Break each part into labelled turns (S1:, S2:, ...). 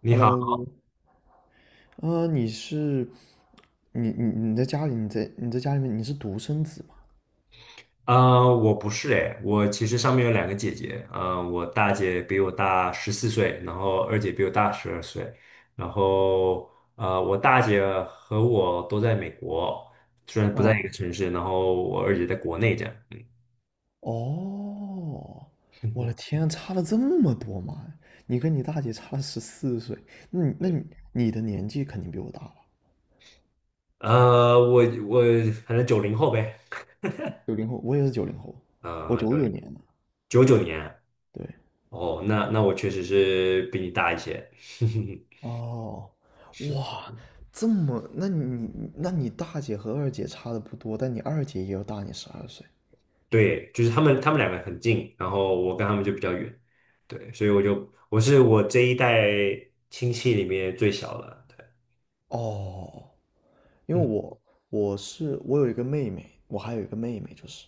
S1: 你好，
S2: Hello，啊、你是你你你在家里，你在家里面你是独生子吗？
S1: 我不是哎，我其实上面有两个姐姐，我大姐比我大14岁，然后二姐比我大12岁，然后我大姐和我都在美国，虽然不在一个
S2: 啊、
S1: 城市，然后我二姐在国内这样。嗯，
S2: 哦，我的天啊，差了这么多吗？你跟你大姐差了14岁，那你那
S1: 对。
S2: 你你的年纪肯定比我大了。
S1: 呃，我我反正90后呗。
S2: 九零后，我也是九零后，我
S1: 呃，
S2: 九
S1: 九
S2: 九
S1: 零
S2: 年的，
S1: 99年。
S2: 对，
S1: 哦，那我确实是比你大一些。
S2: 哦，
S1: 是。
S2: 哇，这么，那你大姐和二姐差的不多，但你二姐也要大你12岁，
S1: 对，就是他们两个很近，然后我跟他们就比较远。对，所以我就我是我这一代亲戚里面最小的。对。
S2: 哦，因为
S1: 嗯
S2: 我有一个妹妹，我还有一个妹妹就是，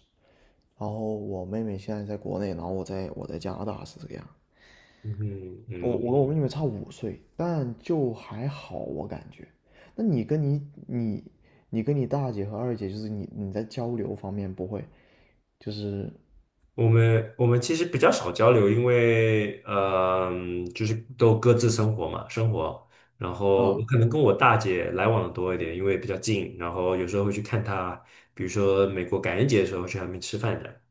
S2: 然后我妹妹现在在国内，然后我在加拿大是这个样。
S1: 嗯
S2: 我
S1: 嗯。
S2: 我跟我妹妹差5岁，但就还好，我感觉。那你跟你你你跟你大姐和二姐，就是你在交流方面不会，就是
S1: 我们其实比较少交流，因为就是都各自生活嘛，生活。然后我
S2: 嗯。
S1: 可能跟我大姐来往的多一点，因为比较近，然后有时候会去看她，比如说美国感恩节的时候去她那边吃饭的。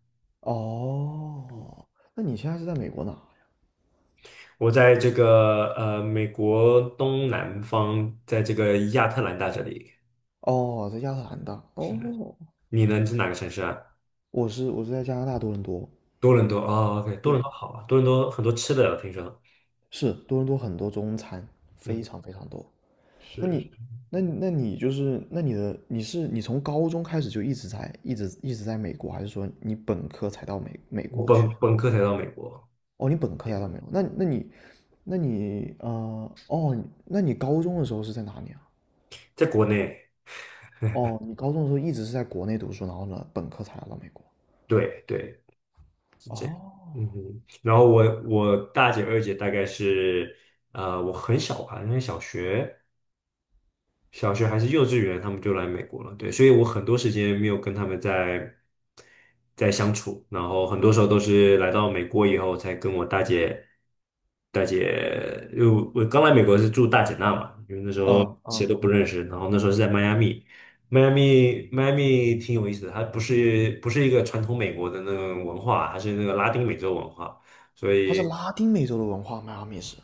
S2: 哦，那你现在是在美国哪呀？
S1: 我在这个美国东南方，在这个亚特兰大这里。
S2: 哦，在亚特兰大。哦，
S1: 你呢？你是哪个城市啊？
S2: 我是在加拿大多伦多。
S1: 多伦多哦，OK，多伦
S2: 对，
S1: 多好啊，多伦多很多吃的，我听说。
S2: 是多伦多很多中餐，非
S1: 嗯，
S2: 常非常多。那
S1: 是。
S2: 你，那你就是，那你的你是你从高中开始就一直在美国，还是说你本科才到美美
S1: 我
S2: 国去
S1: 本
S2: 的？
S1: 本科才到美国。
S2: 哦，你本科才到美国，那那你，那你呃，哦，那你高中的时候是在哪里啊？
S1: 在国内。
S2: 哦，你高中的时候一直是在国内读书，然后呢，本科才来到美国。
S1: 对对。
S2: 哦，
S1: 嗯哼。然后我大姐二姐大概是，我很小吧，因为小学还是幼稚园，他们就来美国了。对，所以我很多时间没有跟他们在相处，然后很多时候都是来到美国以后才跟我大姐，因为我刚来美国是住大姐那嘛，因为那时候
S2: 嗯
S1: 谁
S2: 嗯，
S1: 都不认识，然后那时候是在迈阿密。迈阿密挺有意思的，它不是一个传统美国的那种文化，它是那个拉丁美洲文化，所
S2: 它
S1: 以
S2: 是拉丁美洲的文化，迈阿密是。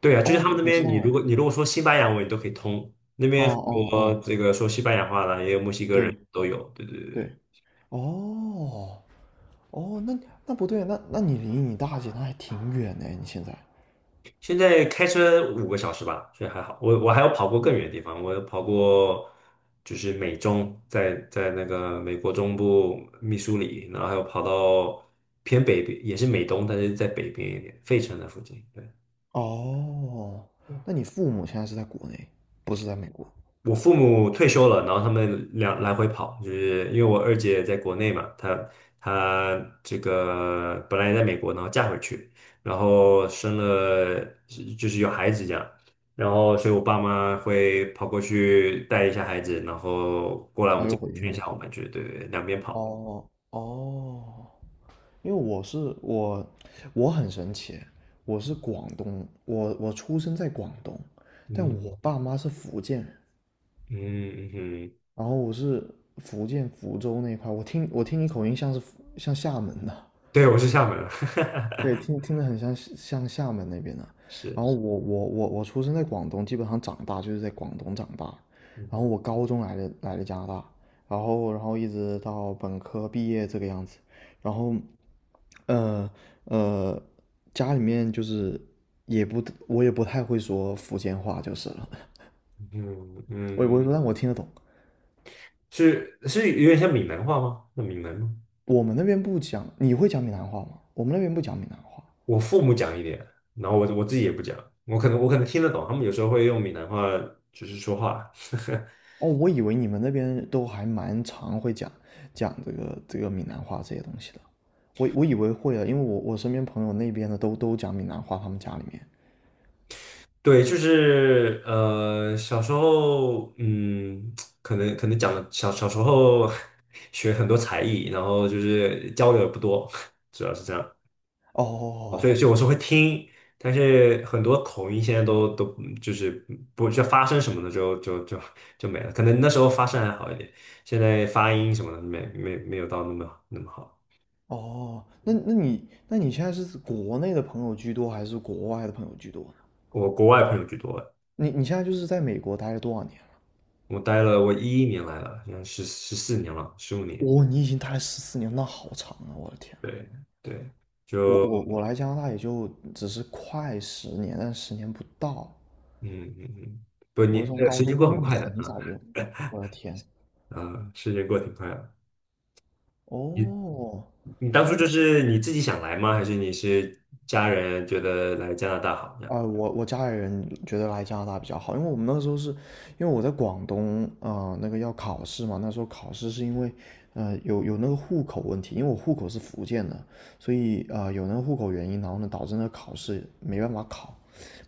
S1: 对啊，就
S2: 哦，
S1: 是他们
S2: 我
S1: 那
S2: 不知
S1: 边，你
S2: 道
S1: 如
S2: 哎。
S1: 果你如果说西班牙文，你都可以通。那
S2: 哦
S1: 边很
S2: 哦
S1: 多
S2: 哦，
S1: 这个说西班牙话的，也有墨西哥人
S2: 对
S1: 都有。对对对对。
S2: 对，哦，哦，那那不对，那你离你大姐那还挺远呢，你现在。
S1: 现在开车5个小时吧，所以还好。我还有跑过更远的地方，我有跑过就是美中，在那个美国中部密苏里，然后还有跑到偏北边，也是美东，但是在北边一点，费城的附近。对。
S2: 哦，那你父母现在是在国内，不是在美国，
S1: 我父母退休了，然后他们两来回跑，就是因为我二姐在国内嘛，她这个本来也在美国，然后嫁回去，然后生了就是有孩子这样，然后所以我爸妈会跑过去带一下孩子，然后过来我
S2: 那
S1: 们这
S2: 又
S1: 边
S2: 回
S1: 看一
S2: 去。
S1: 下我们，就是对对，对两边跑。
S2: 哦哦，因为我是我，我很神奇，我是广东，我出生在广东，但
S1: 嗯
S2: 我爸妈是福建人，
S1: 嗯。嗯哼。
S2: 然后我是福建福州那一块，我听你口音像是福像厦门的，
S1: 对，我是厦门人。
S2: 对，听 听着很像像厦门那边的。然
S1: 是。
S2: 后我出生在广东，基本上长大就是在广东长大。然后
S1: 嗯
S2: 我高中来的加拿大，然后一直到本科毕业这个样子。然后，呃呃，家里面就是也不我也不太会说福建话就是了，
S1: 嗯
S2: 我也不
S1: 嗯。
S2: 会说，但我听得懂。
S1: 是，是有点像闽南话吗？那闽南吗？
S2: 我们那边不讲，你会讲闽南话吗？我们那边不讲闽南话。
S1: 我父母讲一点，然后我自己也不讲，我可能听得懂，他们有时候会用闽南话就是说话。
S2: 哦，我以为你们那边都还蛮常会讲这个闽南话这些东西的，我以为会啊，因为我身边朋友那边的都讲闽南话，他们家里面。
S1: 对，就是小时候，嗯，可能讲的小时候 学很多才艺，然后就是交流也不多，主要是这样。啊所
S2: 哦
S1: 以所以我是会听，但是很多口音现在都就是不就发声什么的就没了，可能那时候发声还好一点，现在发音什么的没有到那么好。
S2: 哦，哦那你现在是国内的朋友居多，还是国外的朋友居多呢？
S1: 我国外朋友居多。
S2: 你现在就是在美国待了多少年了？
S1: 我待了我11年来了，现在14年了，15年。
S2: 哦，你已经待了14年，那好长啊！我的天呐，
S1: 对对。
S2: 我
S1: 就
S2: 我我来加拿大也就只是快十年，但十年不到。
S1: 嗯嗯嗯。不，
S2: 我
S1: 你
S2: 是从
S1: 那个
S2: 高
S1: 时间
S2: 中，
S1: 过
S2: 哇，
S1: 很
S2: 那你
S1: 快的。
S2: 很
S1: 啊
S2: 早就，我的天，
S1: 啊，时间过挺快的。你
S2: 哦，
S1: 你当初
S2: 那
S1: 就是你自己想来吗？还是你是家人觉得来加拿大好这样？
S2: 啊、我家里人觉得来加拿大比较好，因为我们那个时候是，因为我在广东啊、那个要考试嘛，那时候考试是因为，有那个户口问题，因为我户口是福建的，所以啊、有那个户口原因，然后呢，导致那个考试没办法考，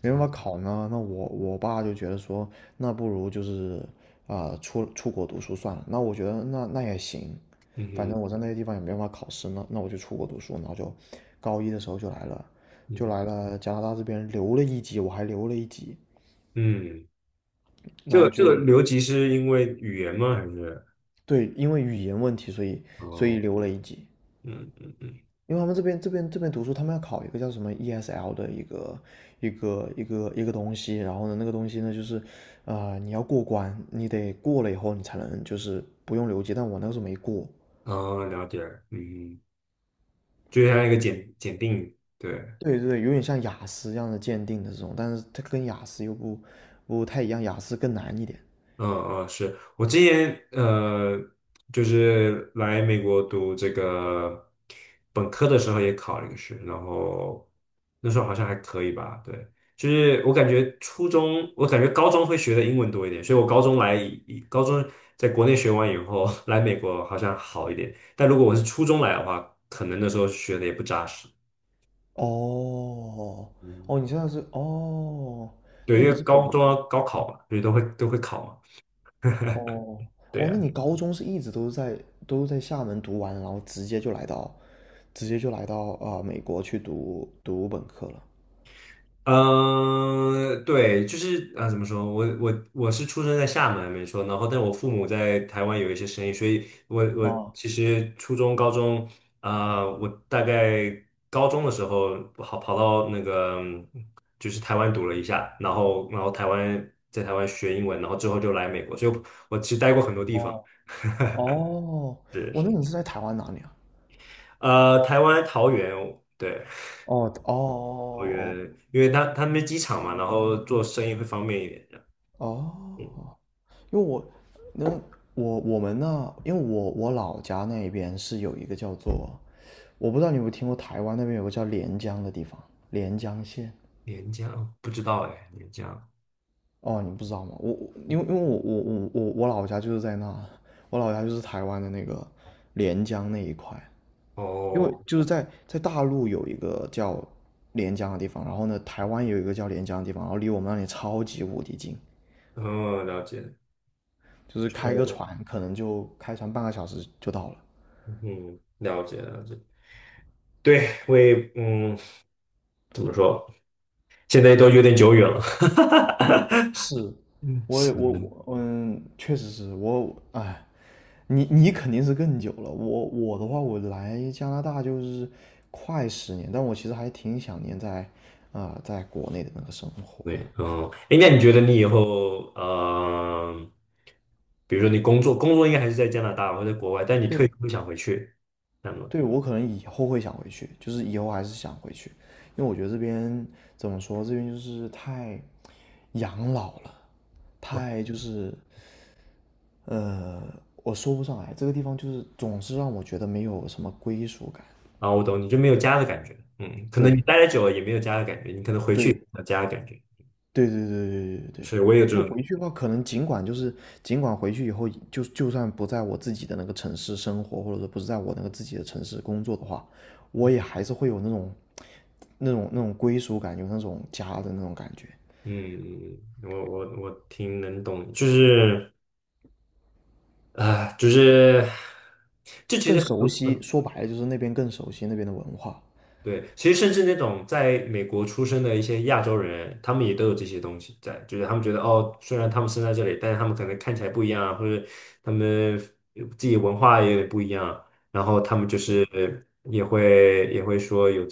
S2: 没办法
S1: 啊。
S2: 考呢，那我爸就觉得说，那不如就是啊、出国读书算了，那我觉得那也行，反
S1: 嗯
S2: 正我在那些地方也没办法考试呢，那我就出国读书，然后就高一的时候就来了，就
S1: 嗯
S2: 来了加拿大这边留了一级，我还留了一级，
S1: 嗯。这
S2: 然后
S1: 个这个
S2: 就
S1: 留级是因为语言吗？还是
S2: 对，因为语言问题，所以
S1: 哦，
S2: 留了一级，
S1: 嗯嗯嗯。
S2: 因为他们这边读书，他们要考一个叫什么 ESL 的一个东西，然后呢，那个东西呢就是，啊你要过关，你得过了以后你才能就是不用留级，但我那个时候没过，
S1: 哦，了解。嗯，就像一个检定。对。
S2: 对对有点像雅思一样的鉴定的这种，但是它跟雅思又不太一样，雅思更难一点。
S1: 嗯嗯。是我今年就是来美国读这个本科的时候也考了一个试，然后那时候好像还可以吧。对，就是我感觉初中，我感觉高中会学的英文多一点，所以我高中在国内学完以后 来美国好像好一点，但如果我是初中来的话，可能那时候学的也不扎实。
S2: 哦
S1: 嗯，
S2: 哦，你现在是哦，
S1: 对，
S2: 那
S1: 因
S2: 你
S1: 为
S2: 是本
S1: 高中
S2: 科
S1: 要高
S2: 诶
S1: 考嘛，所以都会考嘛。
S2: 哦
S1: 对。
S2: 哦，那
S1: 呀。
S2: 你高中是一直都是在厦门读完，然后直接就来到啊、美国去读本科了。
S1: 嗯，呃对，就是啊，怎么说？我是出生在厦门，没错。然后，但我父母在台湾有一些生意，所以我
S2: 哦
S1: 其实初中、高中啊、我大概高中的时候跑到那个嗯就是台湾读了一下，然后然后台湾在台湾学英文，然后之后就来美国，所以我其实待过很多地方。
S2: 哦哦，
S1: 是
S2: 那
S1: 是。
S2: 你是在台湾哪里啊？
S1: 台湾桃园。对，
S2: 哦
S1: 桃
S2: 哦
S1: 园，因为他们机场嘛，然后做生意会方便一点。这样
S2: 哦哦
S1: 嗯。
S2: 哦。因为我，那我我们那，因为我老家那边是有一个叫做，我不知道你有没有听过台湾那边有个叫连江的地方，连江县。
S1: 廉江，哦不知道哎，廉江。
S2: 哦，你不知道吗？我我因为因为我我我我我老家就是在那，我老家就是台湾的那个连江那一块，因
S1: 哦，
S2: 为就是在大陆有一个叫连江的地方，然后呢，台湾有一个叫连江的地方，然后离我们那里超级无敌近，
S1: 哦，了解，
S2: 就是
S1: 是
S2: 开个
S1: 我，
S2: 船可能就开船半个小时就到了。
S1: 嗯，了解了解。对，我也，嗯，怎么说，现在都有点久远了。
S2: 是，
S1: 嗯，
S2: 我也
S1: 是
S2: 我
S1: 的。
S2: 我嗯，确实是我，哎，你肯定是更久了。我的话，我来加拿大就是快十年，但我其实还挺想念在啊、在国内的那个生活的。
S1: 对，嗯，哎，那你觉得你以后，比如说你工作，工作应该还是在加拿大或者在国外，但你退
S2: 对，
S1: 休会想回去，那么。
S2: 对我可能以后会想回去，就是以后还是想回去，因为我觉得这边怎么说，这边就是太养老了，太就是呃，我说不上来，这个地方就是总是让我觉得没有什么归属感。
S1: 啊，我懂，你就没有家的感觉。嗯，可能
S2: 对
S1: 你待的久了也没有家的感觉，你可能回去
S2: 对，
S1: 有家的感觉。
S2: 对对对对对对，
S1: 是，我也有这
S2: 就
S1: 种。
S2: 回去的话，可能尽管回去以后，就算不在我自己的那个城市生活，或者说不是在我那个自己的城市工作的话，我也还是会有那种那种归属感，有那种家的那种感觉，
S1: 嗯。嗯嗯我挺能懂，就是啊、就是
S2: 更熟悉。说白了就是那边更熟悉那边的文化。
S1: 对，其实甚至那种在美国出生的一些亚洲人，他们也都有这些东西在，就是他们觉得哦，虽然他们生在这里，但是他们可能看起来不一样啊，或者他们自己文化也不一样啊，然后他们就是也会说有这。